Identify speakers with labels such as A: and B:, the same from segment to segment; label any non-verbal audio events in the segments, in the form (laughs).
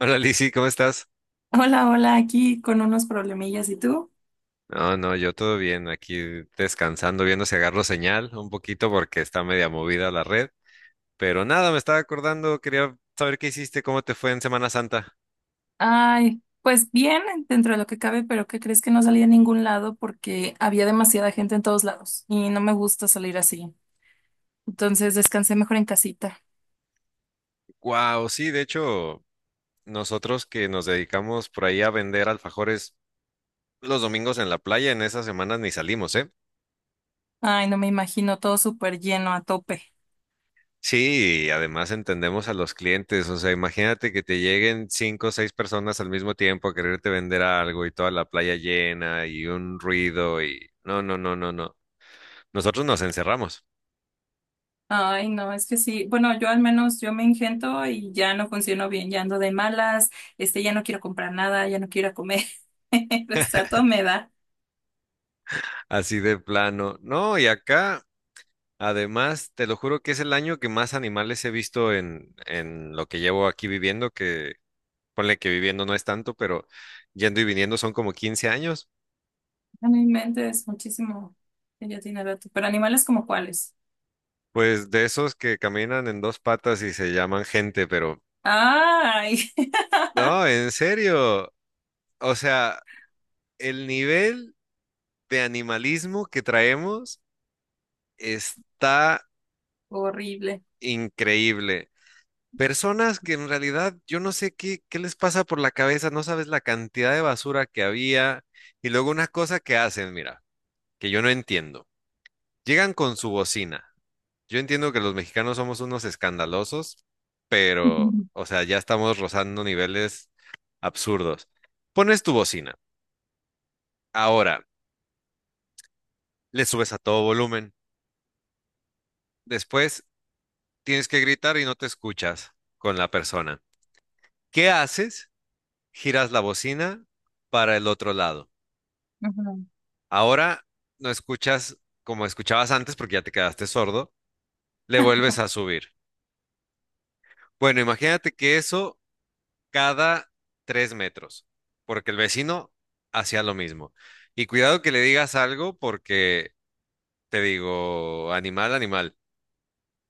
A: Hola Lizzy, ¿cómo estás?
B: Hola, hola, aquí con unos problemillas. ¿Y tú?
A: No, no, yo todo bien, aquí descansando, viendo si agarro señal un poquito porque está media movida la red. Pero nada, me estaba acordando, quería saber qué hiciste, cómo te fue en Semana Santa.
B: Ay, pues bien, dentro de lo que cabe, pero ¿qué crees que no salí a ningún lado porque había demasiada gente en todos lados y no me gusta salir así? Entonces descansé mejor en casita.
A: Wow, sí, de hecho, nosotros que nos dedicamos por ahí a vender alfajores los domingos en la playa, en esas semanas ni salimos, ¿eh?
B: Ay, no me imagino todo súper lleno a tope.
A: Sí, y además entendemos a los clientes, o sea, imagínate que te lleguen cinco o seis personas al mismo tiempo a quererte vender algo y toda la playa llena y un ruido y no, no, no, no, no. Nosotros nos encerramos,
B: Ay, no, es que sí. Bueno, yo al menos yo me ingento y ya no funciono bien, ya ando de malas, ya no quiero comprar nada, ya no quiero ir a comer. (laughs) Pues a todo me da.
A: así de plano. No, y acá, además, te lo juro que es el año que más animales he visto en lo que llevo aquí viviendo, que ponle que viviendo no es tanto, pero yendo y viniendo son como 15 años.
B: A mi mente es muchísimo. Que Ya tiene rato. Pero animales como cuáles.
A: Pues de esos que caminan en dos patas y se llaman gente, pero
B: Ay, (laughs)
A: no, en serio. O sea, el nivel de animalismo que traemos está
B: horrible.
A: increíble. Personas que en realidad yo no sé qué les pasa por la cabeza, no sabes la cantidad de basura que había. Y luego una cosa que hacen, mira, que yo no entiendo. Llegan con su bocina. Yo entiendo que los mexicanos somos unos escandalosos, pero,
B: Ujú.
A: o sea, ya estamos rozando niveles absurdos. Pones tu bocina. Ahora, le subes a todo volumen. Después tienes que gritar y no te escuchas con la persona. ¿Qué haces? Giras la bocina para el otro lado.
B: Ujú.
A: Ahora no escuchas como escuchabas antes porque ya te quedaste sordo. Le vuelves a subir. Bueno, imagínate que eso cada 3 metros, porque el vecino hacía lo mismo. Y cuidado que le digas algo porque te digo, animal, animal.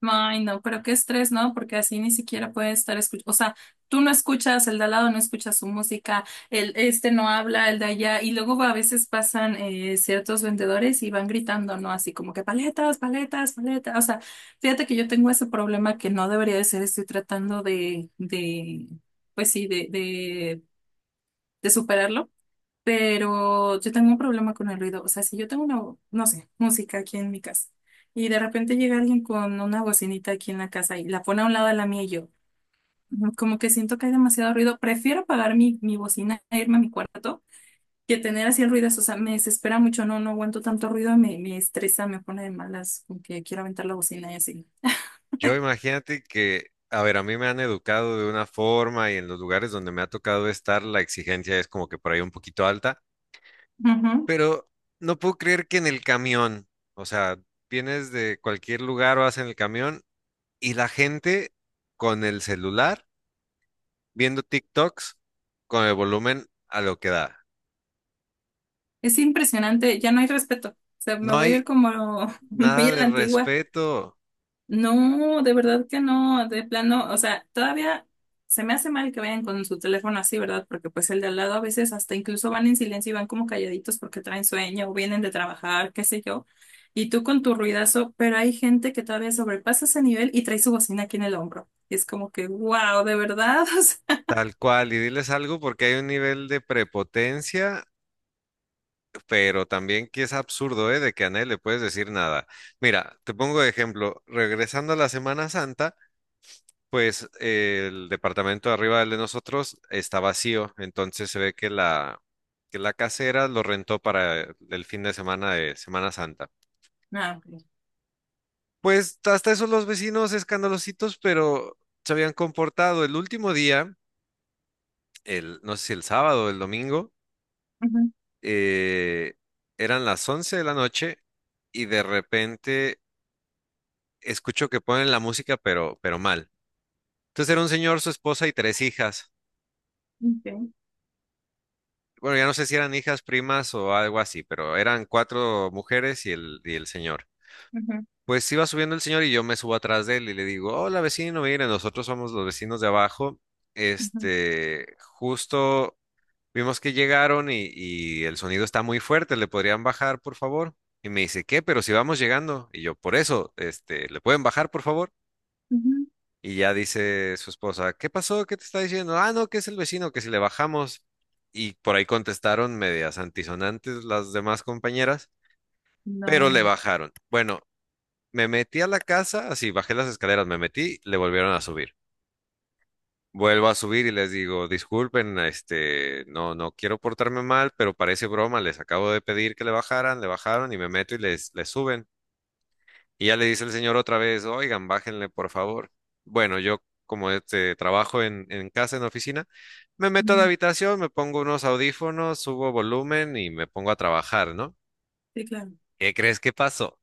B: Ay, no, pero qué estrés, ¿no? Porque así ni siquiera puede estar escuchando. O sea, tú no escuchas, el de al lado no escucha su música, el este no habla, el de allá. Y luego a veces pasan ciertos vendedores y van gritando, ¿no? Así como que paletas, paletas, paletas. O sea, fíjate que yo tengo ese problema que no debería de ser, estoy tratando pues sí, de superarlo. Pero yo tengo un problema con el ruido. O sea, si yo tengo una, no sé, música aquí en mi casa y de repente llega alguien con una bocinita aquí en la casa y la pone a un lado de la mía y yo, como que siento que hay demasiado ruido, prefiero apagar mi bocina e irme a mi cuarto que tener así el ruido. O sea, me desespera mucho, no, no aguanto tanto ruido, me estresa, me pone de malas, como que quiero aventar la bocina y así.
A: Yo imagínate que, a ver, a mí me han educado de una forma y en los lugares donde me ha tocado estar, la exigencia es como que por ahí un poquito alta,
B: Ujú.
A: pero no puedo creer que en el camión, o sea, vienes de cualquier lugar o vas en el camión y la gente con el celular viendo TikToks con el volumen a lo que da.
B: Es impresionante, ya no hay respeto. O sea, me
A: No
B: voy a ir
A: hay
B: como (laughs) muy
A: nada
B: a
A: de
B: la antigua.
A: respeto,
B: No, de verdad que no, de plano, o sea, todavía se me hace mal que vayan con su teléfono así, ¿verdad? Porque pues el de al lado a veces hasta incluso van en silencio y van como calladitos porque traen sueño o vienen de trabajar, qué sé yo, y tú con tu ruidazo, pero hay gente que todavía sobrepasa ese nivel y trae su bocina aquí en el hombro. Y es como que, wow, de verdad, (laughs) o sea,
A: tal cual, y diles algo porque hay un nivel de prepotencia pero también que es absurdo, ¿eh? De que a nadie le puedes decir nada. Mira, te pongo de ejemplo, regresando a la Semana Santa, pues el departamento de arriba del de nosotros está vacío, entonces se ve que la, casera lo rentó para el fin de Semana Santa.
B: ah, ok.
A: Pues hasta eso los vecinos escandalositos, pero se habían comportado. El último día, no sé si el sábado o el domingo,
B: Ujú,
A: eh, eran las 11 de la noche y de repente escucho que ponen la música, pero mal. Entonces era un señor, su esposa y tres hijas.
B: ok,
A: Bueno, ya no sé si eran hijas, primas o algo así, pero eran cuatro mujeres y y el señor.
B: ujú,
A: Pues iba subiendo el señor y yo me subo atrás de él y le digo, hola vecino, mire, nosotros somos los vecinos de abajo.
B: ujú,
A: Justo vimos que llegaron y el sonido está muy fuerte, ¿le podrían bajar, por favor? Y me dice, ¿qué? Pero si vamos llegando. Y yo, por eso, ¿le pueden bajar, por favor?
B: ujú.
A: Y ya dice su esposa, ¿qué pasó? ¿Qué te está diciendo? Ah, no, que es el vecino, que si le bajamos. Y por ahí contestaron medias antisonantes las demás compañeras, pero le
B: No.
A: bajaron. Bueno, me metí a la casa, así bajé las escaleras, me metí, le volvieron a subir. Vuelvo a subir y les digo, disculpen, no, no quiero portarme mal, pero parece broma, les acabo de pedir que le bajaran, le bajaron y me meto y les suben. Y ya le dice el señor otra vez, oigan, bájenle, por favor. Bueno, yo como trabajo en casa, en oficina, me meto a la
B: Ujú.
A: habitación, me pongo unos audífonos, subo volumen y me pongo a trabajar, ¿no?
B: Sí, claro.
A: ¿Qué crees que pasó?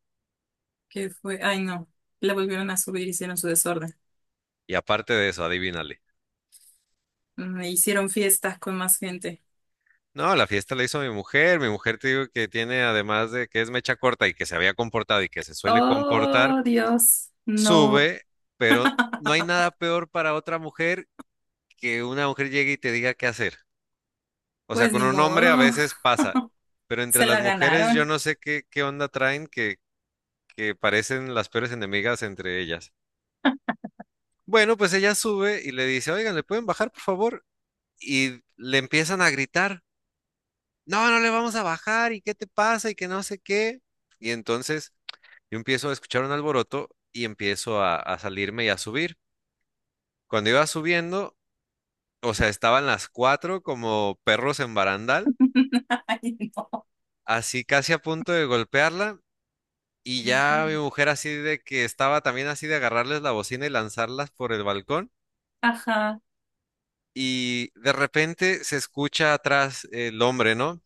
B: ¿Qué fue? Ay, no. La volvieron a subir, hicieron su desorden.
A: Y aparte de eso, adivínale.
B: Mm, hicieron fiestas con más gente.
A: No, la fiesta la hizo mi mujer. Mi mujer te digo que tiene, además de que es mecha corta y que se había comportado y que se suele comportar,
B: Oh, Dios, no,
A: sube, pero no hay nada peor para otra mujer que una mujer llegue y te diga qué hacer. O sea,
B: pues
A: con
B: ni
A: un hombre a
B: modo,
A: veces pasa, pero
B: (laughs)
A: entre
B: se
A: las
B: la
A: mujeres yo
B: ganaron.
A: no sé qué, onda traen que parecen las peores enemigas entre ellas. Bueno, pues ella sube y le dice, oigan, ¿le pueden bajar, por favor? Y le empiezan a gritar, no, no le vamos a bajar, ¿y qué te pasa? Y que no sé qué. Y entonces yo empiezo a escuchar un alboroto y empiezo a salirme y a subir. Cuando iba subiendo, o sea, estaban las cuatro como perros en barandal,
B: (laughs) Ay, no.
A: así casi a punto de golpearla. Y ya mi mujer así de que estaba también así de agarrarles la bocina y lanzarlas por el balcón.
B: Ajá,
A: Y de repente se escucha atrás el hombre, ¿no?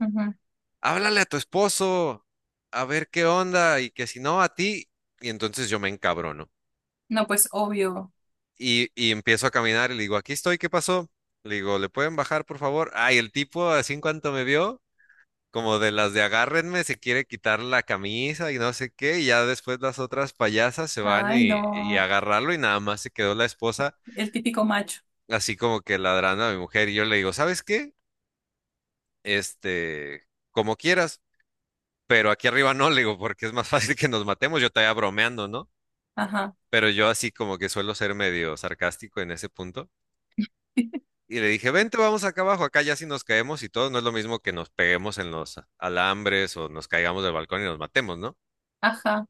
B: ujú.
A: Háblale a tu esposo, a ver qué onda, y que si no, a ti. Y entonces yo me encabrono.
B: No, pues obvio.
A: Y empiezo a caminar y le digo, aquí estoy, ¿qué pasó? Le digo, ¿le pueden bajar, por favor? Ay, el tipo, así en cuanto me vio, como de las de agárrenme, se quiere quitar la camisa y no sé qué, y ya después las otras payasas se van
B: Ay,
A: y a
B: no,
A: agarrarlo y nada más se quedó la esposa
B: el típico macho.
A: así como que ladrando a mi mujer y yo le digo, ¿sabes qué? Como quieras, pero aquí arriba no, le digo, porque es más (laughs) fácil que nos matemos, yo todavía bromeando, ¿no?
B: Ajá,
A: Pero yo así como que suelo ser medio sarcástico en ese punto.
B: (laughs)
A: Y le dije, vente, vamos acá abajo, acá ya si nos caemos y todo, no es lo mismo que nos peguemos en los alambres o nos caigamos del balcón y nos matemos, ¿no?
B: ajá,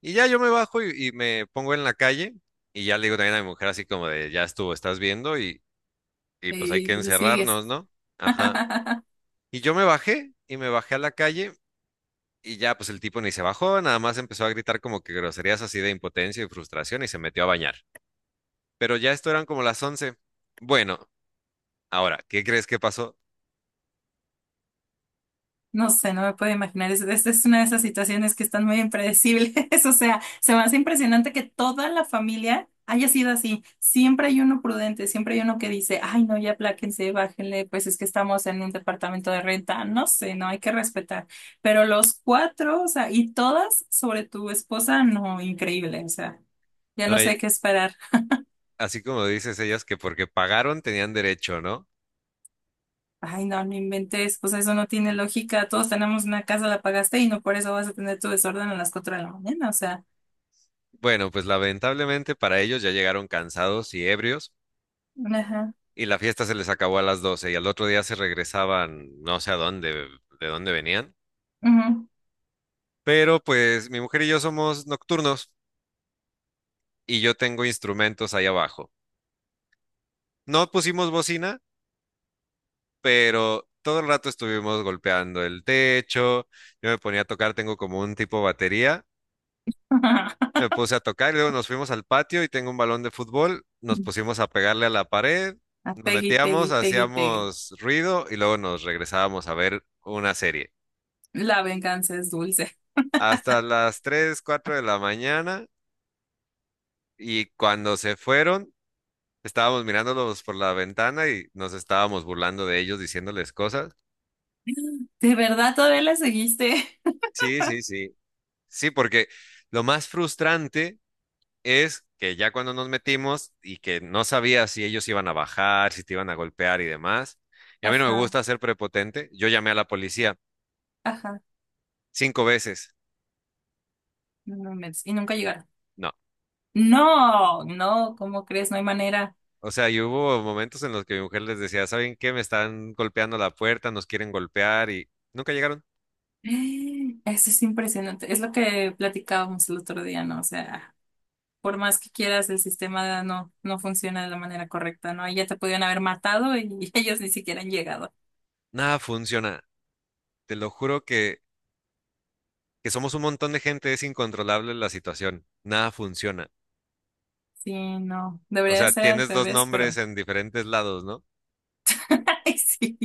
A: Y ya yo me bajo y me pongo en la calle y ya le digo también a mi mujer así como de, ya estuvo, estás viendo y pues hay
B: y
A: que
B: le sigues.
A: encerrarnos, ¿no? Ajá.
B: (laughs)
A: Y yo me bajé y me bajé a la calle y ya pues el tipo ni se bajó, nada más empezó a gritar como que groserías así de impotencia y frustración y se metió a bañar. Pero ya esto eran como las 11. Bueno, ahora, ¿qué crees que pasó?
B: No sé, no me puedo imaginar. Es una de esas situaciones que están muy impredecibles. (laughs) O sea, se me hace impresionante que toda la familia haya sido así. Siempre hay uno prudente, siempre hay uno que dice, ay, no, ya apláquense, bájenle, pues es que estamos en un departamento de renta. No sé, no hay que respetar. Pero los cuatro, o sea, y todas sobre tu esposa, no, increíble. O sea, ya
A: No,
B: no sé qué esperar.
A: así como dices ellas que porque pagaron tenían derecho, ¿no?
B: Ay, no, no inventes. Pues eso no tiene lógica. Todos tenemos una casa, la pagaste y no por eso vas a tener tu desorden a las cuatro de la mañana. O sea.
A: Bueno, pues lamentablemente para ellos ya llegaron cansados y ebrios.
B: Ajá.
A: Y la fiesta se les acabó a las 12 y al otro día se regresaban, no sé a dónde, de dónde venían.
B: Ujú.
A: Pero pues mi mujer y yo somos nocturnos y yo tengo instrumentos ahí abajo. No pusimos bocina, pero todo el rato estuvimos golpeando el techo. Yo me ponía a tocar, tengo como un tipo batería.
B: (laughs)
A: Me puse a tocar y luego nos fuimos al patio y tengo un balón de fútbol. Nos pusimos a pegarle a la pared,
B: A
A: nos
B: Peggy,
A: metíamos,
B: Peggy, Peggy, Peggy.
A: hacíamos ruido y luego nos regresábamos a ver una serie,
B: La venganza es dulce.
A: hasta las 3 4 de la mañana, y cuando se fueron, estábamos mirándolos por la ventana y nos estábamos burlando de ellos, diciéndoles cosas.
B: ¿De verdad todavía la seguiste? (laughs)
A: Sí, sí, sí. Sí, porque lo más frustrante es que ya cuando nos metimos y que no sabía si ellos iban a bajar, si te iban a golpear y demás, y a mí no me
B: Ajá,
A: gusta ser prepotente, yo llamé a la policía
B: ajá.
A: cinco veces.
B: No me inventes. Y nunca llegaron.
A: No.
B: No, no, ¿cómo crees? No hay manera.
A: O sea, y hubo momentos en los que mi mujer les decía, ¿saben qué? Me están golpeando la puerta, nos quieren golpear y nunca llegaron.
B: (gasps) Eso es impresionante. Es lo que platicábamos el otro día, ¿no? O sea, por más que quieras, el sistema no, no funciona de la manera correcta, ¿no? Ya te podían haber matado y (laughs) ellos ni siquiera han llegado.
A: Nada funciona. Te lo juro que somos un montón de gente, es incontrolable la situación. Nada funciona.
B: Sí, no.
A: O
B: Debería de
A: sea,
B: ser al
A: tienes dos
B: revés,
A: nombres
B: pero.
A: en diferentes lados, ¿no?
B: (laughs) Ay, sí.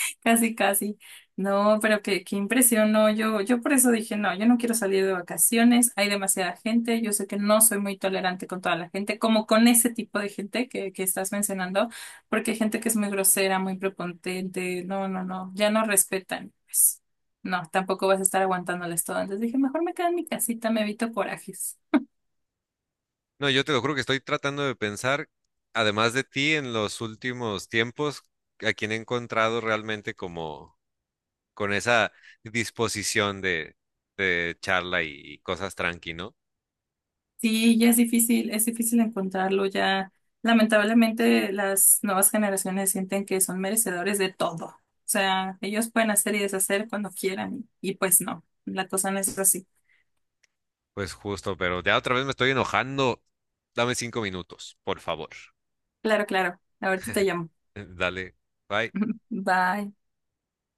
B: (laughs) Casi, casi. No, pero qué impresión, no, yo por eso dije, no, yo no quiero salir de vacaciones, hay demasiada gente, yo sé que no soy muy tolerante con toda la gente, como con ese tipo de gente que estás mencionando, porque hay gente que es muy grosera, muy prepotente, no, no, no, ya no respetan, pues, no, tampoco vas a estar aguantándoles todo, entonces dije, mejor me quedo en mi casita, me evito corajes.
A: No, yo te lo juro que estoy tratando de pensar, además de ti, en los últimos tiempos, a quien he encontrado realmente como con esa disposición de, charla y cosas tranqui, ¿no?
B: Sí, ya es difícil encontrarlo ya. Lamentablemente, las nuevas generaciones sienten que son merecedores de todo. O sea, ellos pueden hacer y deshacer cuando quieran y pues no, la cosa no es así.
A: Pues justo, pero ya otra vez me estoy enojando. Dame 5 minutos, por favor.
B: Claro, claro. Ahorita te llamo.
A: (laughs) Dale, bye.
B: (laughs) Bye.